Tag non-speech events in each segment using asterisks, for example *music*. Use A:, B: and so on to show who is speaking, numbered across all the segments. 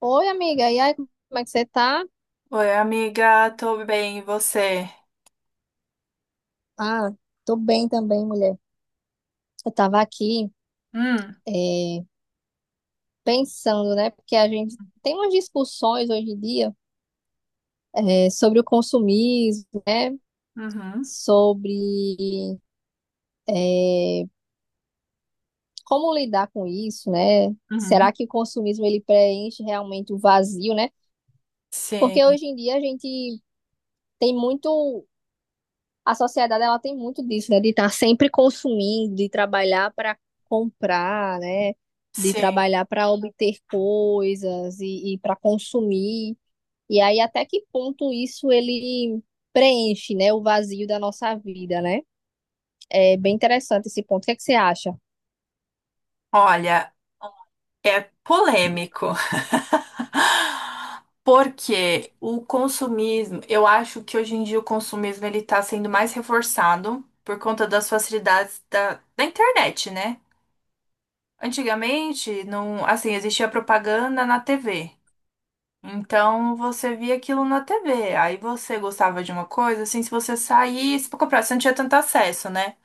A: Oi, amiga. E aí, como é que você tá?
B: Oi, amiga, tô bem, e você?
A: Ah, tô bem também, mulher. Eu tava aqui,
B: Hum,
A: é, pensando, né? Porque a gente tem umas discussões hoje em dia, sobre o consumismo, né?
B: uhum,
A: Sobre, é, como lidar com isso, né?
B: uhum.
A: Será que o consumismo ele preenche realmente o vazio, né? Porque
B: Sim,
A: hoje em dia a gente tem muito. A sociedade ela tem muito disso, né? De estar sempre consumindo, de trabalhar para comprar, né? De
B: sim.
A: trabalhar para obter coisas e para consumir. E aí, até que ponto isso ele preenche, né? O vazio da nossa vida, né? É bem interessante esse ponto. O que é que você acha?
B: Olha, é polêmico, *laughs* porque o consumismo, eu acho que hoje em dia o consumismo ele tá sendo mais reforçado por conta das facilidades da internet, né? Antigamente, não, assim, existia propaganda na TV. Então você via aquilo na TV. Aí você gostava de uma coisa, assim, se você saísse pra comprar, você não tinha tanto acesso, né?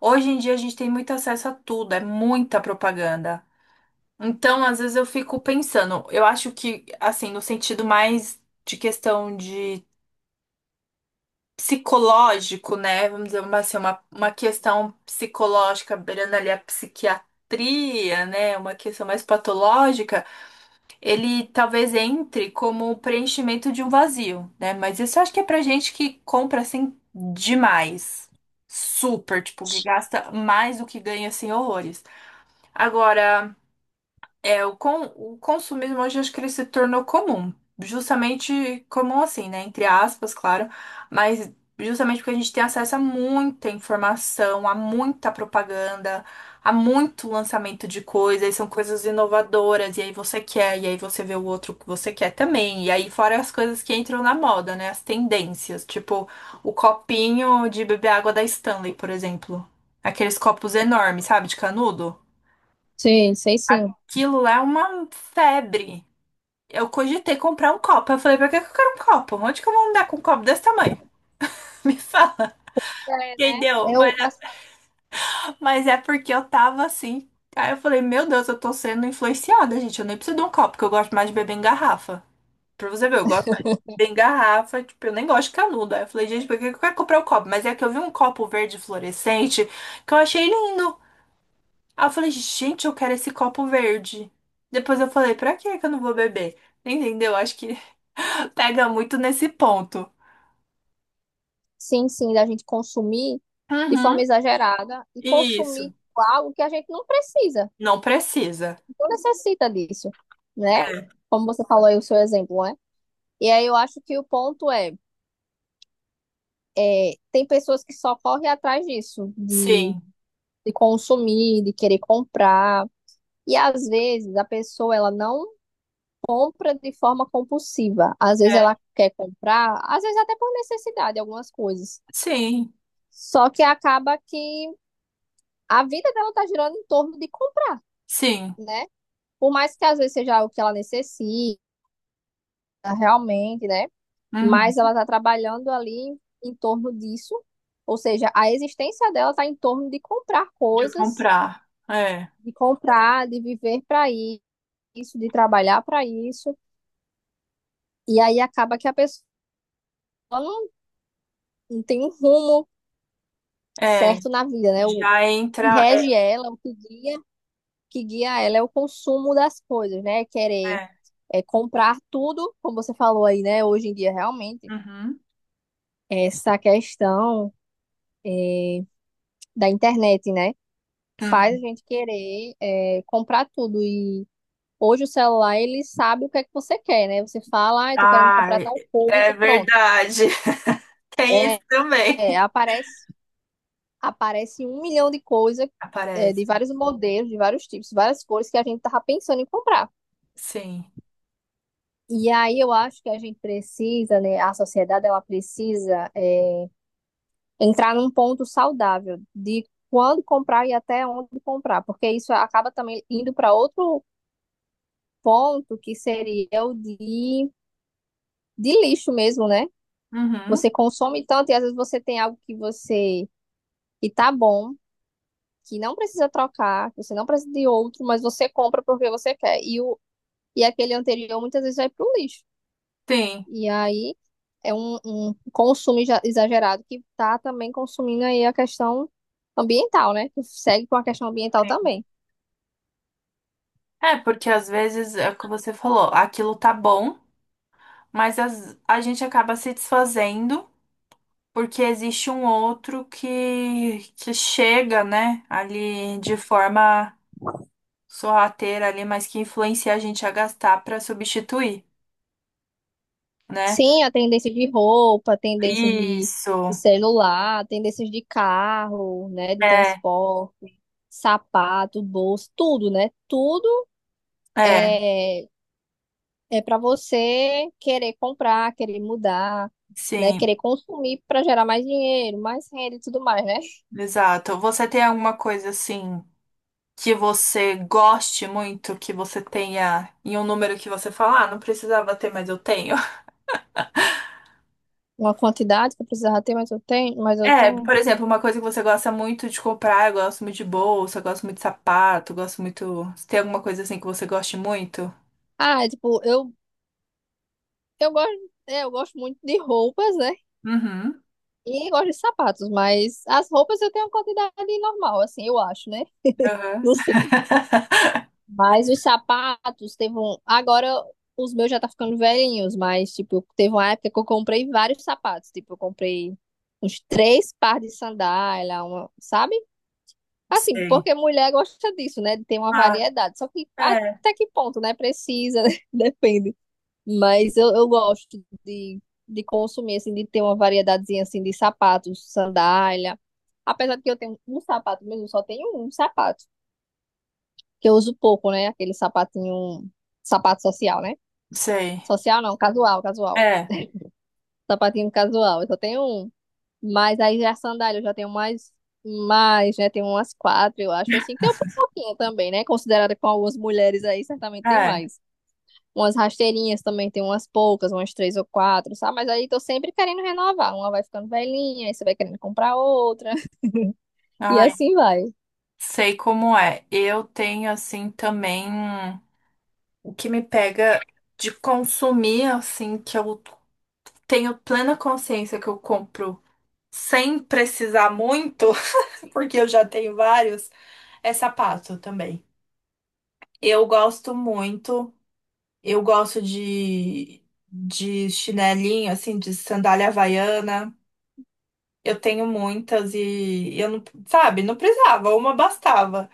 B: Hoje em dia a gente tem muito acesso a tudo, é muita propaganda. Então, às vezes eu fico pensando, eu acho que, assim, no sentido mais de questão de psicológico, né? Vamos assim, uma questão psicológica, beirando ali a psiquiatria, né? Uma questão mais patológica, ele talvez entre como o preenchimento de um vazio, né? Mas isso eu acho que é pra gente que compra, assim, demais. Super, tipo, que gasta mais do que ganha, assim, horrores. Agora, o consumismo hoje acho que ele se tornou comum. Justamente comum assim, né? Entre aspas, claro. Mas justamente porque a gente tem acesso a muita informação, a muita propaganda, a muito lançamento de coisas, e são coisas inovadoras, e aí você quer, e aí você vê o outro que você quer também. E aí fora as coisas que entram na moda, né? As tendências, tipo o copinho de beber água da Stanley, por exemplo. Aqueles copos enormes, sabe? De canudo.
A: Sim, sei sim.
B: Aquilo lá é uma febre. Eu cogitei comprar um copo. Eu falei, pra que que eu quero um copo? Onde que eu vou andar com um copo desse tamanho? *laughs* Me fala.
A: É, né?
B: Entendeu?
A: Eu, assim,
B: Mas é porque eu tava assim. Aí eu falei, meu Deus, eu tô sendo influenciada, gente. Eu nem preciso de um copo, porque eu gosto mais de beber em garrafa. Pra você ver, eu gosto mais de beber em garrafa. Tipo, eu nem gosto de canudo. Aí eu falei, gente, por que que eu quero comprar um copo? Mas é que eu vi um copo verde fluorescente que eu achei lindo. Aí eu falei, gente, eu quero esse copo verde. Depois eu falei, pra que que eu não vou beber? Entendeu? Acho que *laughs* pega muito nesse ponto.
A: sim, sim, da gente consumir de forma
B: Uhum.
A: exagerada e
B: Isso.
A: consumir algo que a gente não precisa.
B: Não precisa.
A: Não necessita disso, né?
B: É.
A: Como você falou aí o seu exemplo, né? E aí eu acho que o ponto é, tem pessoas que só correm atrás disso, de,
B: Sim.
A: de consumir, de querer comprar. E às vezes a pessoa ela não compra de forma compulsiva. Às vezes
B: É.
A: ela quer comprar, às vezes até por necessidade, algumas coisas.
B: Sim.
A: Só que acaba que a vida dela tá girando em torno de comprar,
B: Sim.
A: né? Por mais que às vezes seja algo que ela necessita realmente, né? Mas ela
B: Uhum.
A: está trabalhando ali em torno disso, ou seja, a existência dela está em torno de comprar
B: De
A: coisas,
B: comprar. É.
A: de comprar, de viver para isso, de trabalhar para isso, e aí acaba que a pessoa não, não tem um rumo
B: É.
A: certo na vida, né? O
B: Já
A: que
B: entra. É.
A: rege ela, o que guia ela é o consumo das coisas, né? Querer
B: É.
A: comprar tudo, como você falou aí, né? Hoje em dia, realmente,
B: Uhum.
A: essa questão da internet, né? Faz a
B: Uhum.
A: gente querer comprar tudo. E hoje o celular, ele sabe o que é que você quer, né? Você fala, ah, eu tô querendo comprar
B: Ai,
A: tal
B: é
A: coisa, pronto.
B: verdade. *laughs* Tem isso
A: É,
B: também.
A: é, aparece, aparece um milhão de coisas, de
B: Aparece.
A: vários modelos, de vários tipos, várias cores que a gente tava pensando em comprar.
B: Sim.
A: E aí eu acho que a gente precisa, né? A sociedade, ela precisa entrar num ponto saudável de quando comprar e até onde comprar, porque isso acaba também indo para outro ponto que seria o de lixo mesmo, né?
B: Uhum.
A: Você consome tanto e às vezes você tem algo que tá bom, que não precisa trocar, que você não precisa de outro, mas você compra porque você quer. E aquele anterior muitas vezes vai pro lixo.
B: Sim.
A: E aí é um consumo exagerado que tá também consumindo aí a questão ambiental, né? Que segue com a questão ambiental também.
B: É, porque às vezes é o que você falou, aquilo tá bom, a gente acaba se desfazendo porque existe um outro que chega, né, ali de forma sorrateira ali, mas que influencia a gente a gastar pra substituir, né?
A: Sim, a tendência de roupa, tendências de
B: Isso.
A: celular, tendências de carro, né, de
B: É,
A: transporte, sapato, bolso, tudo, né? Tudo
B: é,
A: é é para você querer comprar, querer mudar, né,
B: sim,
A: querer consumir para gerar mais dinheiro, mais renda e tudo mais, né?
B: exato. Você tem alguma coisa assim que você goste muito, que você tenha em um número que você fala, ah, não precisava ter, mas eu tenho?
A: Uma quantidade que eu precisava ter, mas eu tenho, mas eu
B: É,
A: tenho.
B: por exemplo, uma coisa que você gosta muito de comprar, eu gosto muito de bolsa, eu gosto muito de sapato, eu gosto muito. Tem alguma coisa assim que você goste muito?
A: Ah, é tipo, eu gosto muito de roupas, né?
B: Uhum.
A: E gosto de sapatos, mas as roupas eu tenho uma quantidade normal, assim, eu acho, né?
B: Aham.
A: Não sei. Mas os sapatos teve um. Agora os meus já tá ficando velhinhos, mas, tipo, teve uma época que eu comprei vários sapatos. Tipo, eu comprei uns três par de sandália, uma, sabe? Assim,
B: Sei.
A: porque mulher gosta disso, né? De ter uma
B: Ah,
A: variedade. Só que
B: é.
A: até que ponto, né? Precisa, né? *laughs* Depende. Mas eu gosto de consumir, assim, de ter uma variedadezinha, assim, de sapatos, sandália. Apesar de que eu tenho um sapato mesmo, só tenho um sapato. Que eu uso pouco, né? Aquele sapatinho, sapato social, né?
B: Sei.
A: Social não, casual, casual.
B: É,
A: Sapatinho casual, eu só tenho um. Mas aí já é sandália, eu já tenho mais, mais, né? Tenho umas quatro, eu acho, assim. Tem um pouquinho também, né? Considerada com algumas mulheres aí, certamente tem
B: é.
A: mais. Umas rasteirinhas também, tem umas poucas, umas três ou quatro, sabe? Mas aí tô sempre querendo renovar. Uma vai ficando velhinha, aí você vai querendo comprar outra. *laughs* E
B: Ai,
A: assim vai.
B: sei como é. Eu tenho assim também o que me pega de consumir assim que eu tenho plena consciência que eu compro sem precisar muito, *laughs* porque eu já tenho vários, é sapato também. Eu gosto muito. Eu gosto de chinelinho, assim, de sandália havaiana. Eu tenho muitas e eu não, sabe, não precisava, uma bastava.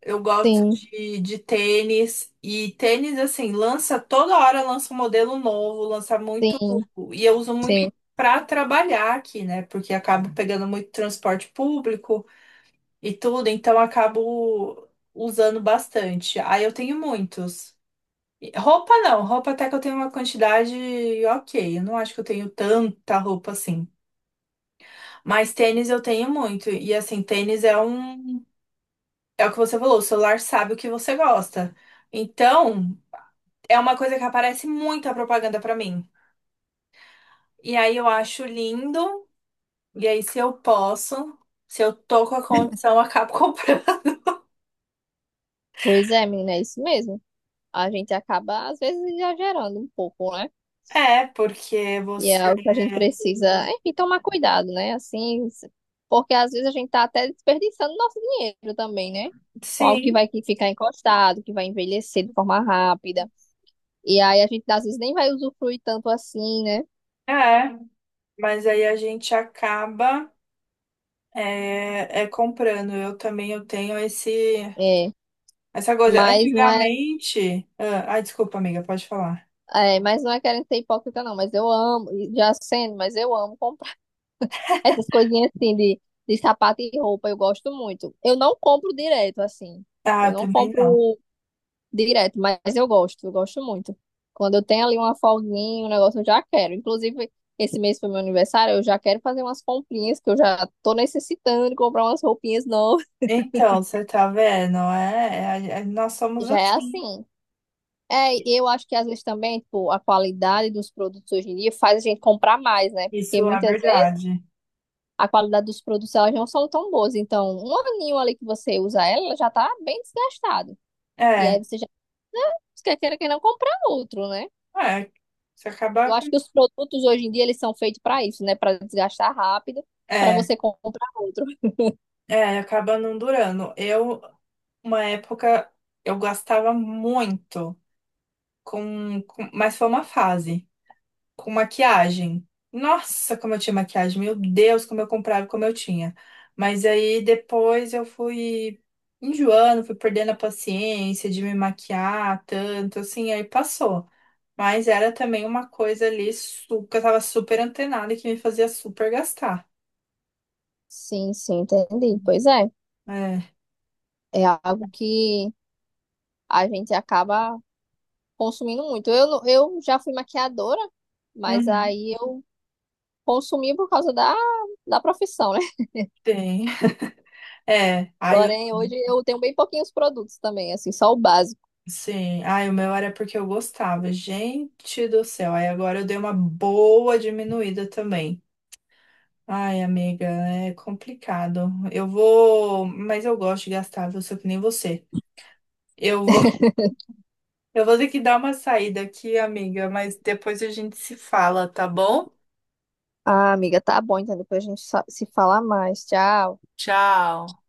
B: Eu gosto
A: Sim,
B: de tênis e tênis, assim, lança toda hora, lança um modelo novo, lança muito.
A: sim,
B: E eu uso
A: sim.
B: muito para trabalhar aqui, né? Porque acabo pegando muito transporte público e tudo, então acabo usando bastante. Aí eu tenho muitos. Roupa não, roupa até que eu tenho uma quantidade ok. Eu não acho que eu tenho tanta roupa assim. Mas tênis eu tenho muito. E assim, tênis é um. É o que você falou, o celular sabe o que você gosta. Então, é uma coisa que aparece muita propaganda pra mim. E aí eu acho lindo. E aí, se eu posso, se eu tô com a condição, eu acabo *laughs* comprando.
A: Pois é, menina, é isso mesmo. A gente acaba, às vezes, exagerando um pouco, né?
B: É, porque
A: E
B: você.
A: é o que a gente precisa, enfim, tomar cuidado, né? Assim, porque às vezes a gente tá até desperdiçando nosso dinheiro também, né? Com algo que
B: Sim,
A: vai que ficar encostado, que vai envelhecer de forma rápida. E aí a gente, às vezes, nem vai usufruir tanto assim, né?
B: é. Mas aí a gente acaba. É, é comprando. Eu também eu tenho esse
A: É.
B: essa coisa.
A: Mas não é,
B: Antigamente, ah, ai, desculpa, amiga, pode falar.
A: mas não é querendo ser hipócrita, não. Mas eu amo, e já sendo, mas eu amo comprar *laughs* essas coisinhas assim de sapato e roupa, eu gosto muito. Eu não compro direto, assim.
B: Ah,
A: Eu
B: eu
A: não
B: também não.
A: compro direto, mas eu gosto muito. Quando eu tenho ali uma folguinha, um negócio, eu já quero. Inclusive, esse mês foi meu aniversário, eu já quero fazer umas comprinhas, que eu já tô necessitando de comprar umas roupinhas novas. *laughs*
B: Então, você tá vendo? Nós somos
A: Já é
B: assim.
A: assim. É, e eu acho que às vezes também, tipo, a qualidade dos produtos hoje em dia faz a gente comprar mais, né? Porque
B: Isso é
A: muitas vezes
B: verdade.
A: a qualidade dos produtos elas não são tão boas. Então, um aninho ali que você usa ela, ela já tá bem desgastado. E
B: É,
A: aí você já quer queira que não comprar outro, né?
B: é, se
A: Eu
B: acabar com
A: acho que os produtos hoje em dia eles são feitos para isso, né? Para desgastar rápido, para
B: é,
A: você comprar outro.
B: é, acaba não durando. Eu, uma época, eu gastava muito mas foi uma fase. Com maquiagem. Nossa, como eu tinha maquiagem, meu Deus, como eu comprava, como eu tinha. Mas aí depois eu fui enjoando, fui perdendo a paciência de me maquiar tanto, assim, aí passou. Mas era também uma coisa que eu tava super antenada e que me fazia super gastar.
A: Sim, sim, entendi. Pois é,
B: É,
A: é algo que a gente acaba consumindo muito. Eu, não- eu já fui maquiadora, mas
B: uhum,
A: aí eu consumi por causa da profissão, né? *laughs*
B: tem. É, aí eu,
A: Porém, hoje eu tenho bem pouquinhos produtos também, assim, só o básico.
B: sim, aí o meu era porque eu gostava. Gente do céu, aí agora eu dei uma boa diminuída também. Ai, amiga, é complicado. Eu vou, mas eu gosto de gastar, viu? Sou que nem você. Eu vou, *laughs* eu vou ter que dar uma saída aqui, amiga, mas depois a gente se fala, tá bom?
A: Ah, amiga, tá bom, então depois a gente se fala mais. Tchau.
B: Tchau.